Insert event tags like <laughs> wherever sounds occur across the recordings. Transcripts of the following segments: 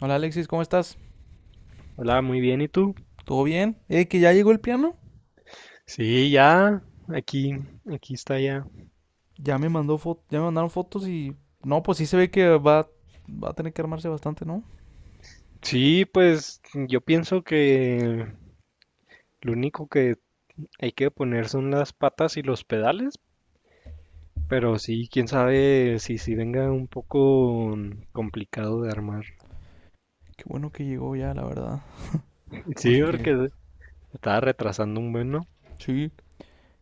Hola Alexis, ¿cómo estás? Hola, muy bien, ¿y tú? ¿Todo bien? Que ya llegó el piano. Sí, ya, aquí, aquí está ya. Ya me mandaron fotos y no, pues sí se ve que va a tener que armarse bastante, ¿no? Sí, pues yo pienso que lo único que hay que poner son las patas y los pedales, pero sí, quién sabe si venga un poco complicado de armar. Qué bueno que llegó ya, la verdad, Sí, porque porque <laughs> se estaba retrasando un buen, ¿no? sí,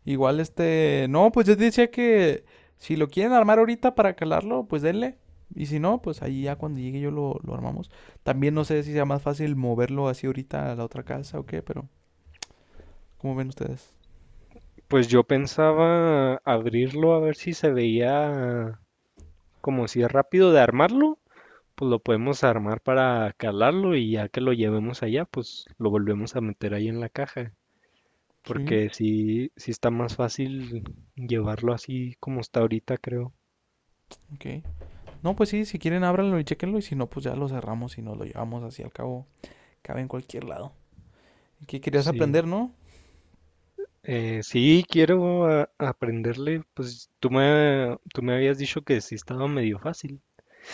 igual no, pues yo decía que si lo quieren armar ahorita para calarlo, pues denle. Y si no, pues ahí ya cuando llegue yo lo armamos. También no sé si sea más fácil moverlo así ahorita a la otra casa o qué, pero ¿cómo ven ustedes? Pues yo pensaba abrirlo a ver si se veía como si es rápido de armarlo. Pues lo podemos armar para calarlo y ya que lo llevemos allá, pues lo volvemos a meter ahí en la caja. Sí, Porque sí está más fácil llevarlo así como está ahorita, creo. ok. No, pues sí, si quieren ábranlo y chequenlo y si no, pues ya lo cerramos y nos lo llevamos así al cabo. Cabe en cualquier lado. ¿Qué querías Sí. aprender, no? Sí, quiero aprenderle. Pues tú me habías dicho que sí estaba medio fácil.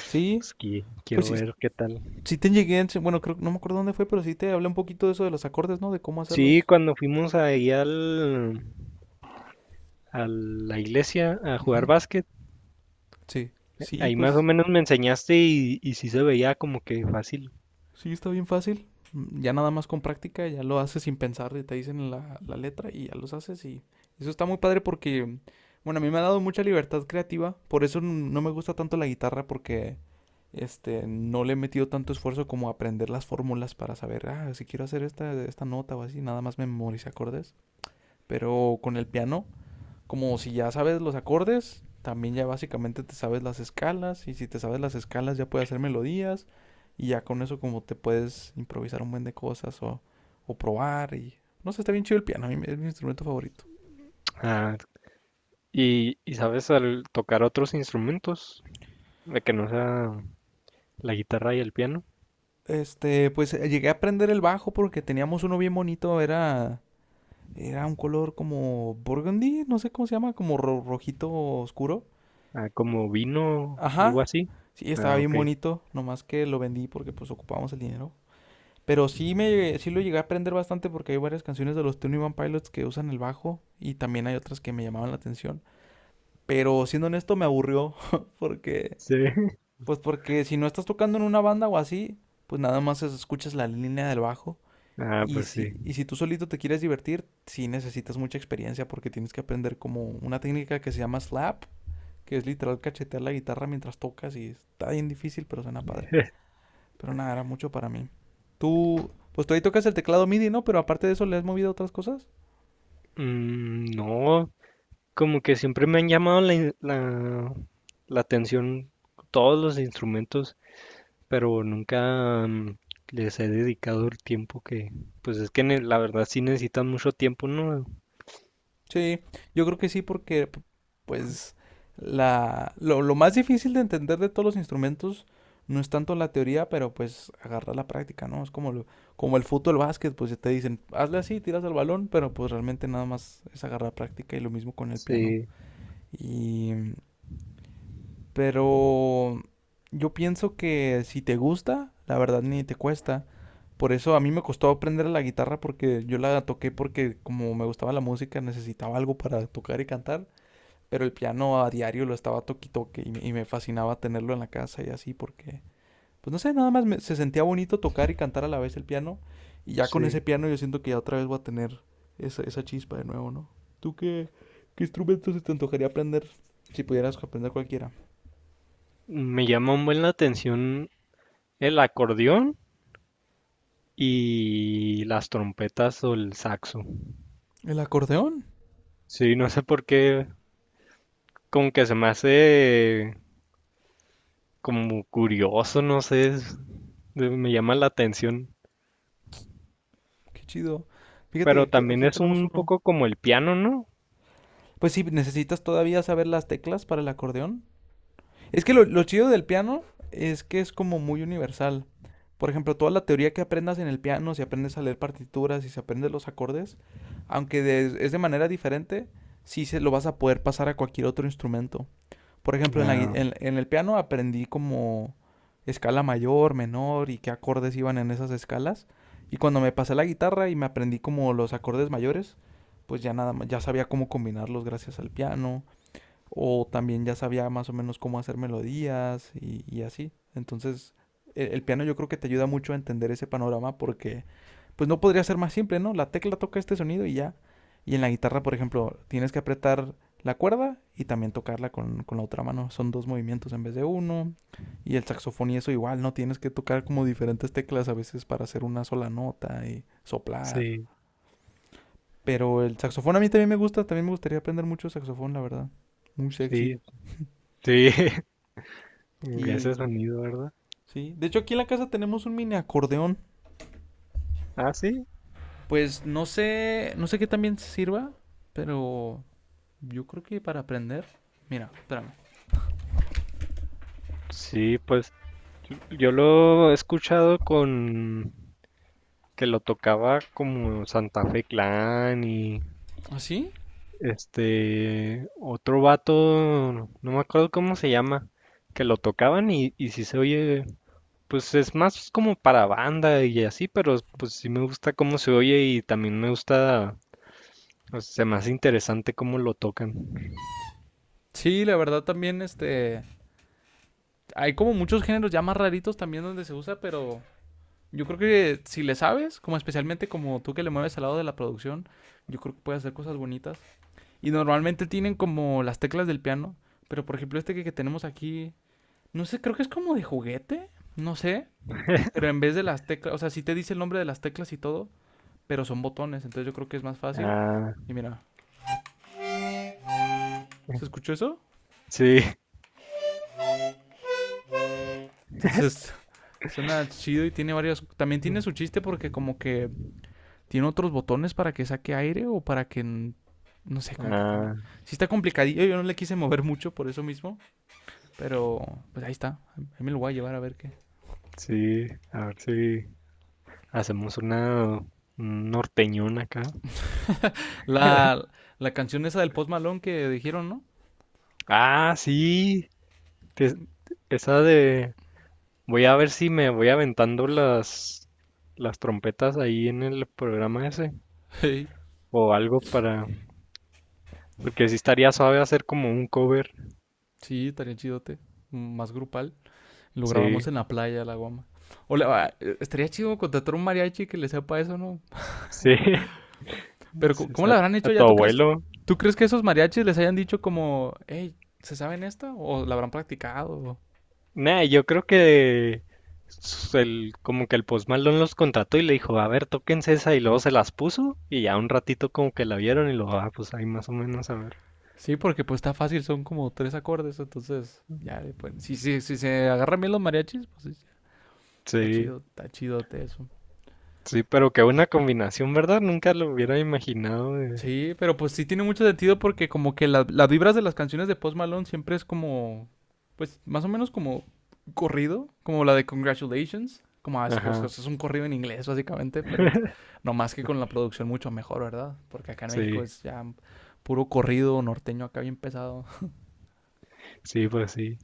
Sí, Pues que pues quiero sí, ver qué tal. sí te llegué, bueno, creo, no me acuerdo dónde fue, pero sí te hablé un poquito de eso de los acordes, ¿no? De cómo Sí, hacerlos. cuando fuimos a la iglesia a jugar Ujú. básquet, Sí, sí, ahí más o pues menos me enseñaste y sí se veía como que fácil. sí, está bien fácil. Ya nada más con práctica, ya lo haces sin pensar, y te dicen la letra y ya los haces y eso está muy padre porque, bueno, a mí me ha dado mucha libertad creativa, por eso no me gusta tanto la guitarra porque no le he metido tanto esfuerzo como aprender las fórmulas para saber, ah, si quiero hacer esta nota o así, nada más me memoricé acordes. Pero con el piano, como si ya sabes los acordes, también ya básicamente te sabes las escalas, y si te sabes las escalas ya puedes hacer melodías, y ya con eso como te puedes improvisar un buen de cosas o probar, y no sé, está bien chido el piano, a mí es mi instrumento favorito. Ah. Y sabes, al tocar otros instrumentos, de que no sea la guitarra y el piano, Pues llegué a aprender el bajo porque teníamos uno bien bonito, era un color como burgundy, no sé cómo se llama, como rojito oscuro. ah, como vino, algo Ajá. así. Sí, estaba Ah, bien ok. bonito, nomás que lo vendí porque pues ocupábamos el dinero. Pero sí lo llegué a aprender bastante porque hay varias canciones de los Twenty One Pilots que usan el bajo y también hay otras que me llamaban la atención. Pero siendo honesto me aburrió <laughs> porque Sí. <laughs> pues porque si no estás tocando en una banda o así, pues nada más escuchas la línea del bajo. Ah, pues sí. Y si tú solito te quieres divertir, sí necesitas mucha experiencia porque tienes que aprender como una técnica que se llama slap, que es literal cachetear la guitarra mientras tocas y está bien difícil, pero suena padre. Pero nada, era mucho para mí. Pues tú ahí tocas el teclado MIDI, ¿no? Pero aparte de eso, ¿le has movido a otras cosas? Mm, no, como que siempre me han llamado la atención todos los instrumentos, pero nunca les he dedicado el tiempo que, pues es que la verdad sí necesitan mucho tiempo, ¿no? Sí, yo creo que sí, porque pues lo más difícil de entender de todos los instrumentos no es tanto la teoría, pero pues agarrar la práctica, ¿no? Es como como el fútbol, el básquet, pues ya te dicen, hazle así, tiras al balón, pero pues realmente nada más es agarrar práctica y lo mismo con el piano. Sí, Y pero yo pienso que si te gusta, la verdad ni te cuesta. Por eso a mí me costó aprender la guitarra porque yo la toqué porque como me gustaba la música necesitaba algo para tocar y cantar. Pero el piano a diario lo estaba toque y toque y me fascinaba tenerlo en la casa y así porque, pues no sé, nada más me- se sentía bonito tocar y cantar a la vez el piano. Y ya con ese sí. piano yo siento que ya otra vez voy a tener esa chispa de nuevo, ¿no? ¿Tú qué, ¿Qué instrumento se te antojaría aprender si pudieras aprender cualquiera? Me llama un buen la atención el acordeón y las trompetas o el saxo. El acordeón, Sí, no sé por qué, como que se me hace como curioso, no sé, me llama la atención. qué chido. Fíjate que Pero también aquí es tenemos un uno. poco como el piano, ¿no? Pues sí, necesitas todavía saber las teclas para el acordeón. Es que lo chido del piano es que es como muy universal. Por ejemplo, toda la teoría que aprendas en el piano, si aprendes a leer partituras, si se aprendes los acordes, aunque es de manera diferente, sí se lo vas a poder pasar a cualquier otro instrumento. Por ejemplo, en, la gui- Ah, en el piano aprendí como escala mayor, menor y qué acordes iban en esas escalas. Y cuando me pasé a la guitarra y me aprendí como los acordes mayores, pues ya nada más, ya sabía cómo combinarlos gracias al piano o también ya sabía más o menos cómo hacer melodías y así. Entonces, piano yo creo que te ayuda mucho a entender ese panorama porque, pues no podría ser más simple, ¿no? La tecla toca este sonido y ya. Y en la guitarra, por ejemplo, tienes que apretar la cuerda y también tocarla con la otra mano. Son dos movimientos en vez de uno. Y el saxofón y eso igual, ¿no? Tienes que tocar como diferentes teclas a veces para hacer una sola nota y soplar. sí, Pero el saxofón a mí también me gusta, también me gustaría aprender mucho saxofón, la verdad. Muy sexy. sí, sí, <laughs> ese Y sonido, ¿verdad? sí, de hecho aquí en la casa tenemos un mini acordeón. Ah, sí. Pues no sé, no sé qué también sirva, pero yo creo que para aprender. Mira, espérame. Sí, pues yo lo he escuchado con que lo tocaba como Santa Fe Clan y, ¿Así? este, otro vato, no me acuerdo cómo se llama, que lo tocaban y si se oye, pues es más como para banda y así, pero pues sí me gusta cómo se oye y también me gusta, o sea, se me hace interesante cómo lo tocan. Sí, la verdad también hay como muchos géneros ya más raritos también donde se usa, pero yo creo que si le sabes, como especialmente como tú que le mueves al lado de la producción, yo creo que puedes hacer cosas bonitas. Y normalmente tienen como las teclas del piano, pero por ejemplo que tenemos aquí, no sé, creo que es como de juguete, no sé. Pero en vez de las teclas, o sea, sí te dice el nombre de las teclas y todo, pero son botones, entonces yo creo que es más fácil. Ah, Y mira, ¿se escuchó eso? sí, Entonces <laughs> suena chido y tiene varios... También tiene su <laughs> chiste porque como que tiene otros botones para que saque aire o para que... No sé, como que cambien. ah, Sí está complicadillo, yo no le quise mover mucho por eso mismo, pero pues ahí está. Ahí me lo voy a llevar a ver qué. sí, a ver si hacemos una un norteñón acá. La, la canción esa del Post Malone que dijeron, ¿no? Ah, sí, te- <laughs> esa de... Voy a ver si me voy aventando las trompetas ahí en el programa ese Hey, o algo para... Porque sí estaría suave hacer como un cover. sí, estaría chidote. Más grupal. Lo grabamos Sí, en la playa, la guama. O la estaría chido contratar un mariachi que le sepa eso, ¿no? sí. <laughs> Pero Sí, ¿cómo lo A, habrán a hecho ya? tu abuelo. ¿Tú crees que esos mariachis les hayan dicho como, hey, ¿se saben esta? ¿O la habrán practicado? Nah, yo creo que como que el Post Malone los contrató y le dijo, a ver, tóquense esa y luego se las puso y ya un ratito como que la vieron y lo, ah, pues ahí más o menos a ver. Sí, porque pues está fácil, son como tres acordes, entonces ya, si, si se agarran bien los mariachis, pues sí, está Sí, chido, está chidote eso. sí, pero qué buena combinación, ¿verdad? Nunca lo hubiera imaginado, eh. Sí, pero pues sí tiene mucho sentido porque como que las vibras de las canciones de Post Malone siempre es como, pues más o menos como corrido, como la de Congratulations, como ah, Ajá, es un corrido en inglés básicamente, pero no más que con la producción mucho mejor, ¿verdad? Porque acá en México sí, es ya puro corrido norteño acá bien pesado. Sí.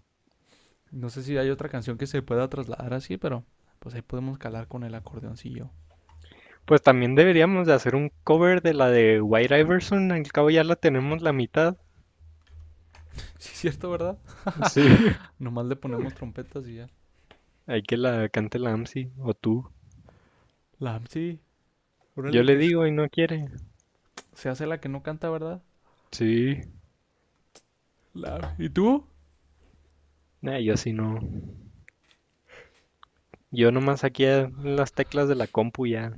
No sé si hay otra canción que se pueda trasladar así, pero pues ahí podemos calar con el acordeoncillo. Pues también deberíamos de hacer un cover de la de White Iverson, al cabo ya la tenemos la mitad. <laughs> Sí, es cierto, ¿verdad? Sí, <laughs> Nomás le ponemos trompetas y ya. hay que la cante la AMSI o tú. Sí, Yo órale, le digo y no quiere. se hace la que no canta, ¿verdad? Sí, ¿Y tú? nah, yo sí no. Yo nomás aquí a las teclas de la compu ya.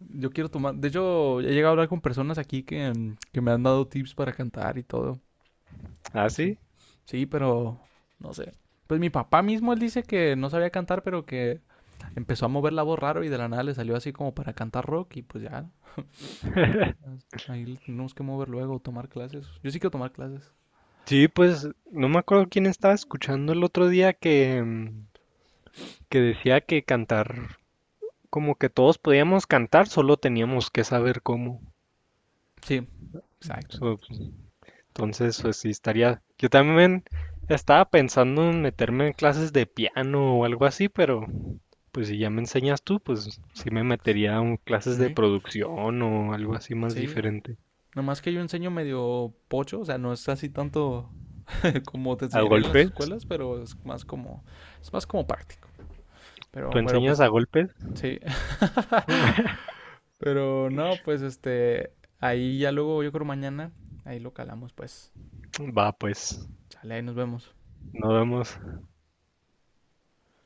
Yo quiero tomar. De hecho, he llegado a hablar con personas aquí que, que me han dado tips para cantar y todo. ¿Ah, Está chido. sí? Sí, pero no sé. Pues mi papá mismo, él dice que no sabía cantar, pero que empezó a mover la voz raro y de la nada le salió así como para cantar rock y pues ya. Ahí, Ahí le tenemos que mover luego, tomar clases. Yo sí quiero tomar clases. Sí, pues no me acuerdo quién estaba escuchando el otro día que, que decía que cantar, como que todos podíamos cantar, solo teníamos que saber cómo. Sí, So, exactamente. pues, entonces, pues sí, estaría. Yo también estaba pensando en meterme en clases de piano o algo así, pero pues si ya me enseñas tú, pues sí me metería en clases de Sí. producción o algo así más Sí. diferente. Nomás que yo enseño medio pocho, o sea, no es así tanto <laughs> como te ¿A enseñarían en las golpes? escuelas, pero es más como práctico. ¿Tú enseñas a Pues, golpes? sí. <laughs> <laughs> Pero no, Pues ahí ya luego, yo creo mañana, ahí lo calamos, pues. Va, pues, Chale, ahí nos vemos. nos vemos.